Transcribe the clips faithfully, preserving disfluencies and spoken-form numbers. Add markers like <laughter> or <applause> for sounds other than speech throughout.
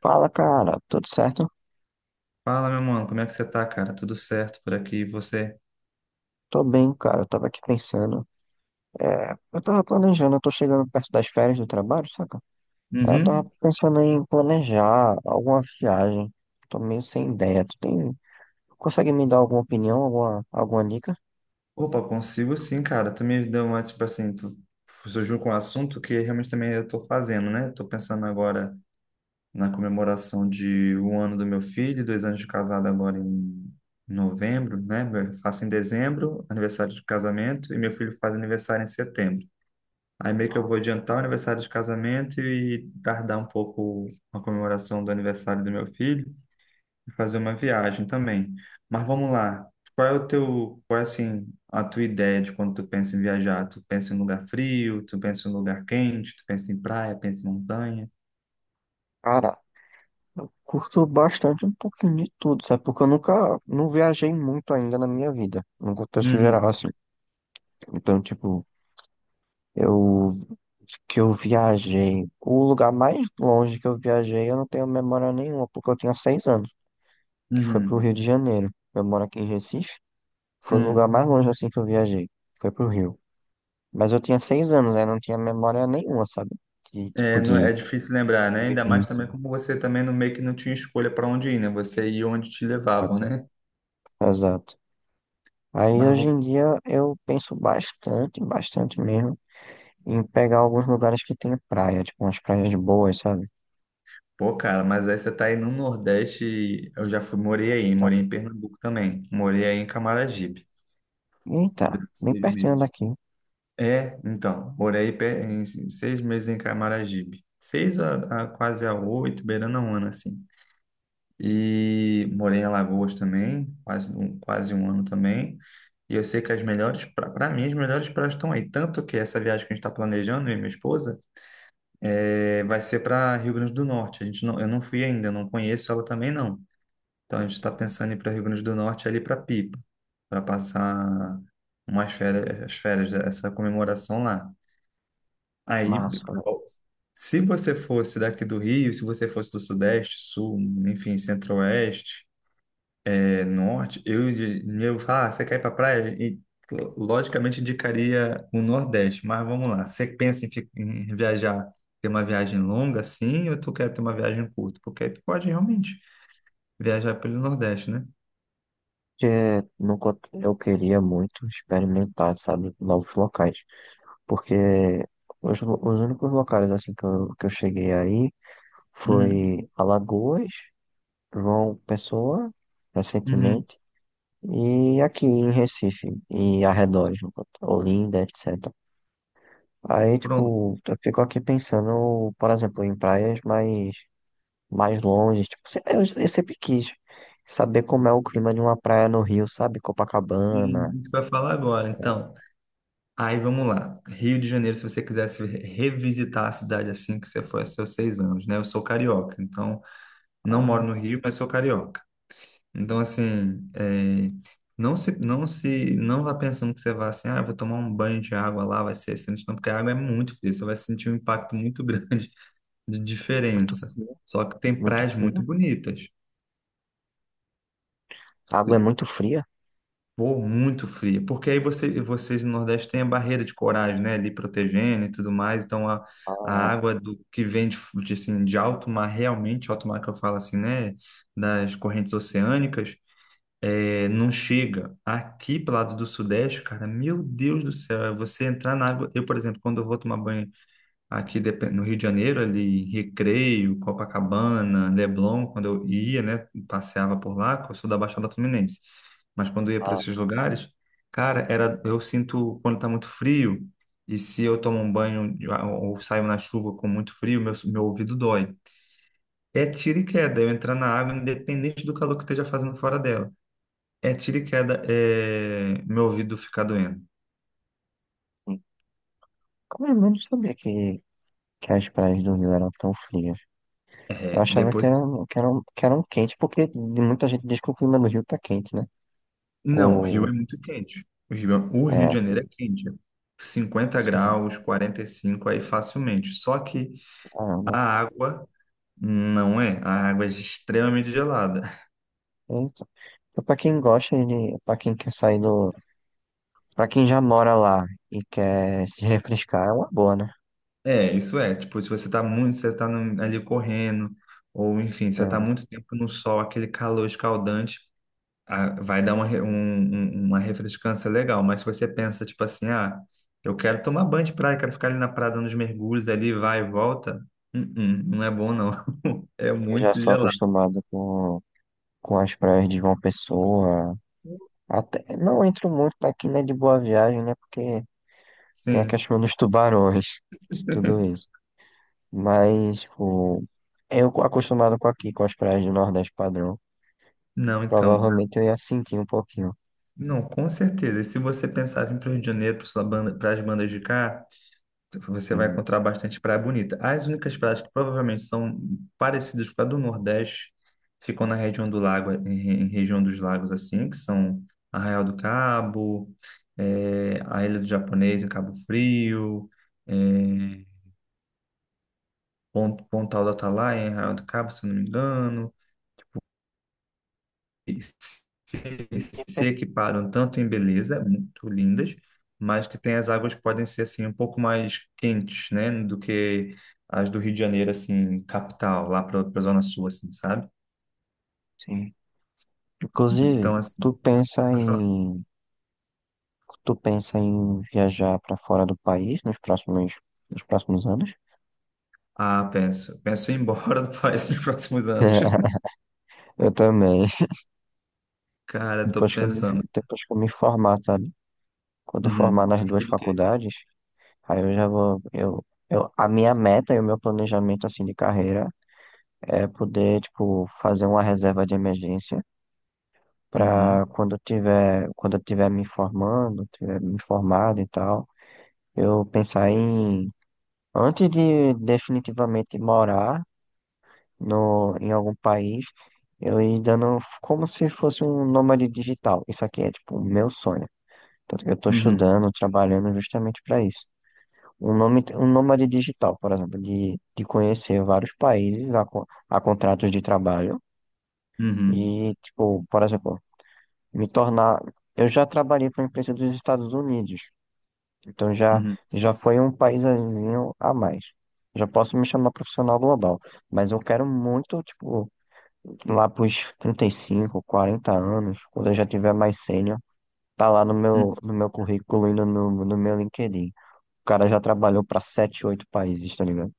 Fala, cara, tudo certo? Fala, meu mano, como é que você tá, cara? Tudo certo por aqui? E você? Tô bem, cara. Eu tava aqui pensando. É, eu tava planejando, eu tô chegando perto das férias do trabalho, saca? Aí eu tava Uhum. pensando em planejar alguma viagem. Tô meio sem ideia. Tu tem, consegue me dar alguma opinião, alguma, alguma dica? Opa, consigo sim, cara. Tu me deu uma, tipo assim, tu surgiu com um assunto que realmente também eu tô fazendo, né? Tô pensando agora na comemoração de um ano do meu filho, dois anos de casado agora em novembro, né? Eu faço em dezembro, aniversário de casamento, e meu filho faz aniversário em setembro. Aí meio que eu Ah. vou adiantar o aniversário de casamento e tardar um pouco a comemoração do aniversário do meu filho. Fazer uma viagem também. Mas vamos lá. Qual é o teu, qual é assim, a tua ideia de quando tu pensa em viajar? Tu pensa em um lugar frio, tu pensa em um lugar quente, tu pensa em praia, pensa em montanha? Cara, eu curto bastante um pouquinho de tudo, sabe? Porque eu nunca, não viajei muito ainda na minha vida, no contexto Uhum, geral, assim. Então, tipo, eu que eu viajei, o lugar mais longe que eu viajei, eu não tenho memória nenhuma, porque eu tinha seis anos, que foi pro uhum. Rio de Janeiro. Eu moro aqui em Recife, foi o Sim. lugar mais longe assim que eu viajei, foi pro Rio. Mas eu tinha seis anos, aí não tinha memória nenhuma, sabe? De tipo É, não, é de difícil lembrar, de né? Ainda mais violência. também como você também no meio que não tinha escolha para onde ir, né? Você ia onde te levavam, Exato, né? exato. Aí Mas hoje vamos... em dia eu penso bastante, bastante mesmo, em pegar alguns lugares que tem praia, tipo umas praias boas, sabe? Pô, cara, mas aí você tá aí no Nordeste, e eu já fui, morei aí, morei Exatamente. em Pernambuco também, morei aí em Camaragibe, Eita, durante bem seis pertinho meses. daqui. É, então, morei pe- em seis meses em Camaragibe. Seis a, a quase a oito, beirando a um ano, assim. E morei em Alagoas também, quase, um- quase um ano também. E eu sei que as melhores, para mim, as melhores praias estão aí. Tanto que essa viagem que a gente está planejando, eu e minha esposa, é, vai ser para Rio Grande do Norte. A gente não, eu não fui ainda, não conheço ela também não. Então a gente está pensando em ir para Rio Grande do Norte ali para Pipa, para passar umas férias, as férias, essa comemoração lá. Aí, Massa, se você fosse daqui do Rio, se você fosse do Sudeste, Sul, enfim, Centro-Oeste, eh, Norte, eu, de- eu falar, ah, você quer ir para praia? E, lo- logicamente, indicaria o Nordeste, mas vamos lá. Você pensa em, fi- em viajar, ter uma viagem longa, sim, ou tu quer ter uma viagem curta? Porque aí tu pode realmente viajar pelo Nordeste, né? que nunca eu queria muito experimentar, sabe, novos locais, porque os, lo- os únicos locais assim que eu, que eu, cheguei aí Uhum, foi Alagoas, João Pessoa, uhum. recentemente, e aqui em Recife e arredores, no caso, Olinda, etcétera. Aí, Pronto. tipo, eu fico aqui pensando, por exemplo, em praias mais, mais longe, tipo, se- eu, eu sempre quis saber como é o clima de uma praia no Rio, sabe, Copacabana. E, tu vai falar agora, então. Aí vamos lá. Rio de Janeiro, se você quisesse revisitar a cidade assim que você foi aos seus seis anos, né? Eu sou carioca, então não moro no Ah. Rio, mas sou carioca. Então, assim, é, não se, não se, não vá pensando que você vai assim, ah, eu vou tomar um banho de água lá, vai ser excelente, não, porque a água é muito fria, você vai sentir um impacto muito grande <laughs> de Muito diferença. fria, Só que tem muito praias fria. muito bonitas. A água é muito fria. Pô, muito fria, porque aí você, vocês no Nordeste têm a barreira de coragem, né, ali protegendo e tudo mais, então a, a Ah, água do que vem de, fu- de, assim, de alto mar, realmente, alto mar que eu falo assim, né, das correntes oceânicas, é, não chega. Aqui pro lado do Sudeste, cara, meu Deus do céu, é você entrar na água, eu, por exemplo, quando eu vou tomar banho. Aqui depen- no Rio de Janeiro, ali, em Recreio, Copacabana, Leblon, quando eu ia, né, passeava por lá, que eu sou da Baixada Fluminense. Mas quando eu ia para ah, esses lugares, cara, era, eu sinto quando está muito frio, e se eu tomo um banho ou ou saio na chuva com muito frio, meu, meu ouvido dói. É tiro e queda, eu entrar na água, independente do calor que eu esteja fazendo fora dela. É tiro e queda, é, meu ouvido ficar doendo. sim. Como é? Eu não sabia que, que, as praias do Rio eram tão frias. É, Eu achava que depois. eram, que eram, que eram quentes, porque muita gente diz que o clima do Rio tá quente, né? Não, o Rio Ou, é muito quente. O Rio, é- o Rio é, de Janeiro é quente. É cinquenta sim, graus, quarenta e cinco aí facilmente. Só que a caramba. água não é. A água é extremamente gelada. <laughs> Eita. Então, pra quem gosta de, pra quem quer sair do, pra quem já mora lá e quer se refrescar, é uma boa, né? É, isso é. Tipo, se você tá muito, você tá no- ali correndo, ou enfim, você tá É, muito tempo no sol, aquele calor escaldante, a- vai dar uma, re- um- um- uma refrescância legal, mas se você pensa, tipo assim, ah, eu quero tomar banho de praia, quero ficar ali na praia dando os mergulhos ali, vai e volta. Hum, hum, não é bom não, <laughs> é eu já muito sou gelado. acostumado com, com as praias de João Pessoa, até, não entro muito aqui, né, de Boa Viagem, né? Porque tem a Sim, questão dos tubarões, tudo isso. Mas, tipo, eu acostumado com aqui, com as praias do Nordeste padrão, não, então, provavelmente eu ia sentir um pouquinho. não, com certeza, e se você pensava em ir para o Rio de Janeiro, para as bandas de cá, você vai Sim. encontrar bastante praia bonita. As únicas praias que provavelmente são parecidas com a do Nordeste ficam na região do lago, em, em região dos lagos assim, que são Arraial do Cabo, eh, a Ilha do Japonês em Cabo Frio, eh, Pon- Pontal do Atalaia em Arraial do Cabo, se eu não me engano. E se, se equiparam tanto em beleza, é muito lindas, mas que tem as águas que podem ser assim um pouco mais quentes, né, do que as do Rio de Janeiro, assim, capital, lá para a Zona Sul, assim, sabe? Sim. Inclusive, Então, assim, tu pensa pode falar. em, tu pensa em viajar para fora do país nos próximos, nos próximos anos? Ah, penso. Penso em ir embora do país nos próximos anos. <laughs> <laughs> Eu também. Cara, tô Depois que eu me, pensando. depois que eu me formar, sabe? Quando eu formar Uhum. Tu nas duas estuda o quê? faculdades, aí eu já vou, eu, eu, a minha meta e o meu planejamento assim de carreira é poder, tipo, fazer uma reserva de emergência para Uhum. quando eu tiver, quando eu tiver me formando, tiver me formado e tal, eu pensar em, antes de definitivamente morar no, em algum país, eu ir dando como se fosse um nômade digital. Isso aqui é, tipo, o meu sonho. Tanto que eu tô Uhum. estudando, trabalhando justamente para isso. Um nome, um nômade digital, por exemplo, de, de conhecer vários países a, co- a contratos de trabalho Uhum. e, tipo, por exemplo, me tornar. Eu já trabalhei para uma empresa dos Estados Unidos, então já, Uhum. já foi um paísinho a mais. Já posso me chamar profissional global, mas eu quero muito, tipo, lá pros trinta e cinco quarenta anos, quando eu já tiver mais sênior, tá lá no Uhum. meu, no meu currículo e no, no no meu LinkedIn. O cara já trabalhou para sete oito países, tá ligado?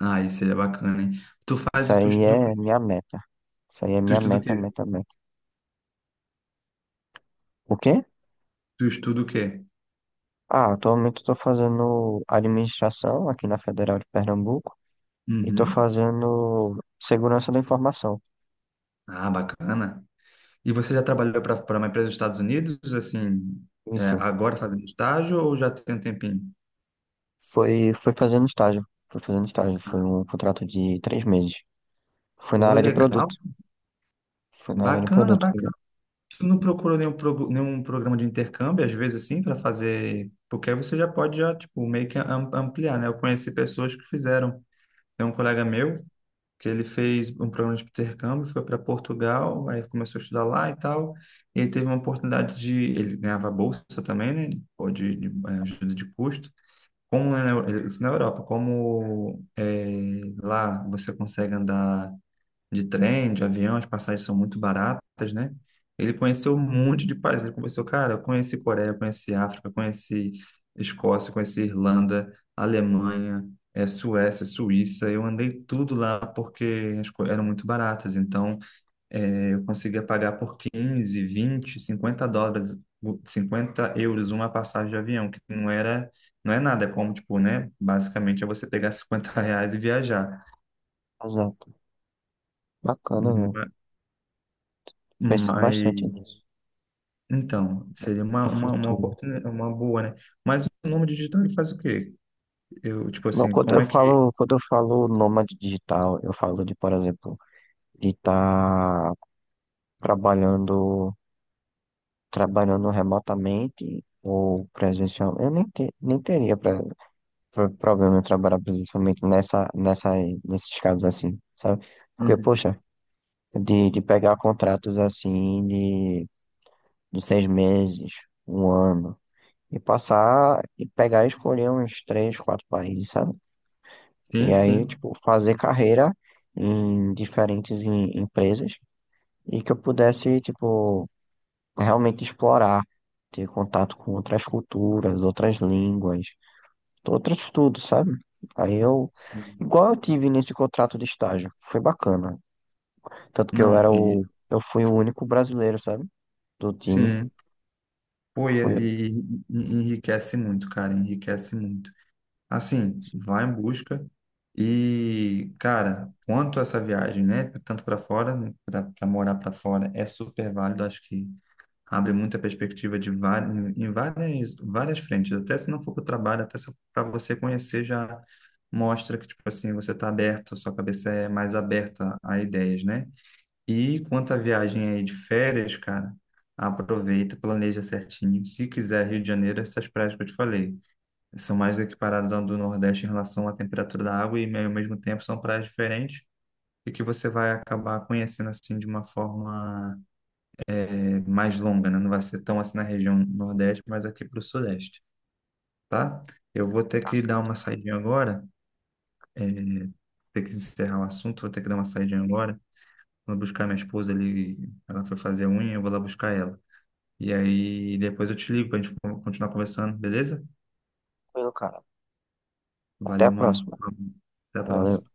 Ah, isso seria bacana, hein? Tu Isso faz, tu aí estuda o é quê? minha meta. Isso aí é Tu minha estuda o meta, quê? meta, meta. O quê? Tu estuda o quê? Ah, atualmente estou fazendo administração aqui na Federal de Pernambuco e estou Uhum. fazendo segurança da informação. Ah, bacana. E você já trabalhou para para uma empresa dos Estados Unidos, assim, é, Isso. agora fazendo estágio ou já tem um tempinho? Foi, foi fazendo estágio. Foi fazendo estágio. Foi Ah, um contrato de três meses. Foi na pô, área de legal. produto. Foi na área de Bacana, produto. foi- bacana. Tu não procurou nenhum, prog- nenhum programa de intercâmbio, às vezes, assim, para fazer. Porque aí você já pode, já, tipo, meio que am- ampliar, né? Eu conheci pessoas que fizeram. Tem um colega meu que ele fez um programa de intercâmbio, foi para Portugal, aí começou a estudar lá e tal. E ele teve uma oportunidade de. Ele ganhava bolsa também, né? Ou de, de eh, ajuda de custo. Como lá na, Eu- isso na Europa, como é, lá você consegue andar de trem, de avião, as passagens são muito baratas, né? Ele conheceu um monte de países. Ele conversou, cara, eu conheci Coreia, eu conheci África, eu conheci Escócia, eu conheci Irlanda, Alemanha, é, Suécia, Suíça. Eu andei tudo lá porque as coisas eram muito baratas. Então, é, eu conseguia pagar por quinze, vinte, cinquenta dólares, o- cinquenta euros uma passagem de avião, que não era, não é nada, é como, tipo, né? Basicamente é você pegar <laughs> cinquenta reais e viajar. Exato. Bacana, velho. Ma- Penso Mas, bastante nisso. então, seria uma, Pro uma, uma futuro. oportunidade, uma boa, né? Mas o nome digital ele faz o quê? Eu, tipo Não, assim, quando como eu é que. falo, quando eu falo nômade digital, eu falo de, por exemplo, de estar trabalhando, trabalhando remotamente ou presencial. Eu nem, te- nem teria pra, pro- problema em trabalhar presencialmente nessa, nessa, nesses casos assim, sabe? Porque, Uhum. poxa, de, de pegar contratos assim de, de seis meses, um ano, e passar e pegar e escolher uns três, quatro países, sabe? E Sim, aí, sim, tipo, fazer carreira em diferentes em- empresas e que eu pudesse, tipo, realmente explorar, ter contato com outras culturas, outras línguas, outros tudo, sabe? Aí eu, sim. igual eu tive nesse contrato de estágio, foi bacana. Tanto que eu Não, era o, e, eu fui o único brasileiro, sabe? Do time. sim. Pô, e, Foi, e- e enriquece muito, cara, enriquece muito. Assim, assim, vá em busca. E, cara, quanto a essa viagem, né? Tanto para fora, né, para morar para fora, é super válido. Acho que abre muita perspectiva de várias, em várias, várias frentes. Até se não for para o trabalho, até para você conhecer, já mostra que, tipo assim, você está aberto, sua cabeça é mais aberta a ideias, né? E quanto à viagem aí de férias, cara, aproveita, planeja certinho. Se quiser Rio de Janeiro, essas praias que eu te falei são mais equiparadas ao do Nordeste em relação à temperatura da água e, ao mesmo tempo, são praias diferentes e que você vai acabar conhecendo assim de uma forma eh, mais longa, né? Não vai ser tão assim na região Nordeste, mas aqui para o Sudeste, tá? Eu vou ter tá que dar uma saidinha agora, eh, ter que encerrar o assunto, vou ter que dar uma saidinha agora. Vou buscar minha esposa ali, ela foi fazer a unha, eu vou lá buscar ela. E aí depois eu te ligo para a gente con- continuar conversando, beleza? tranquilo, cara. Até a Valeu, mano. próxima. Até a Valeu. próxima.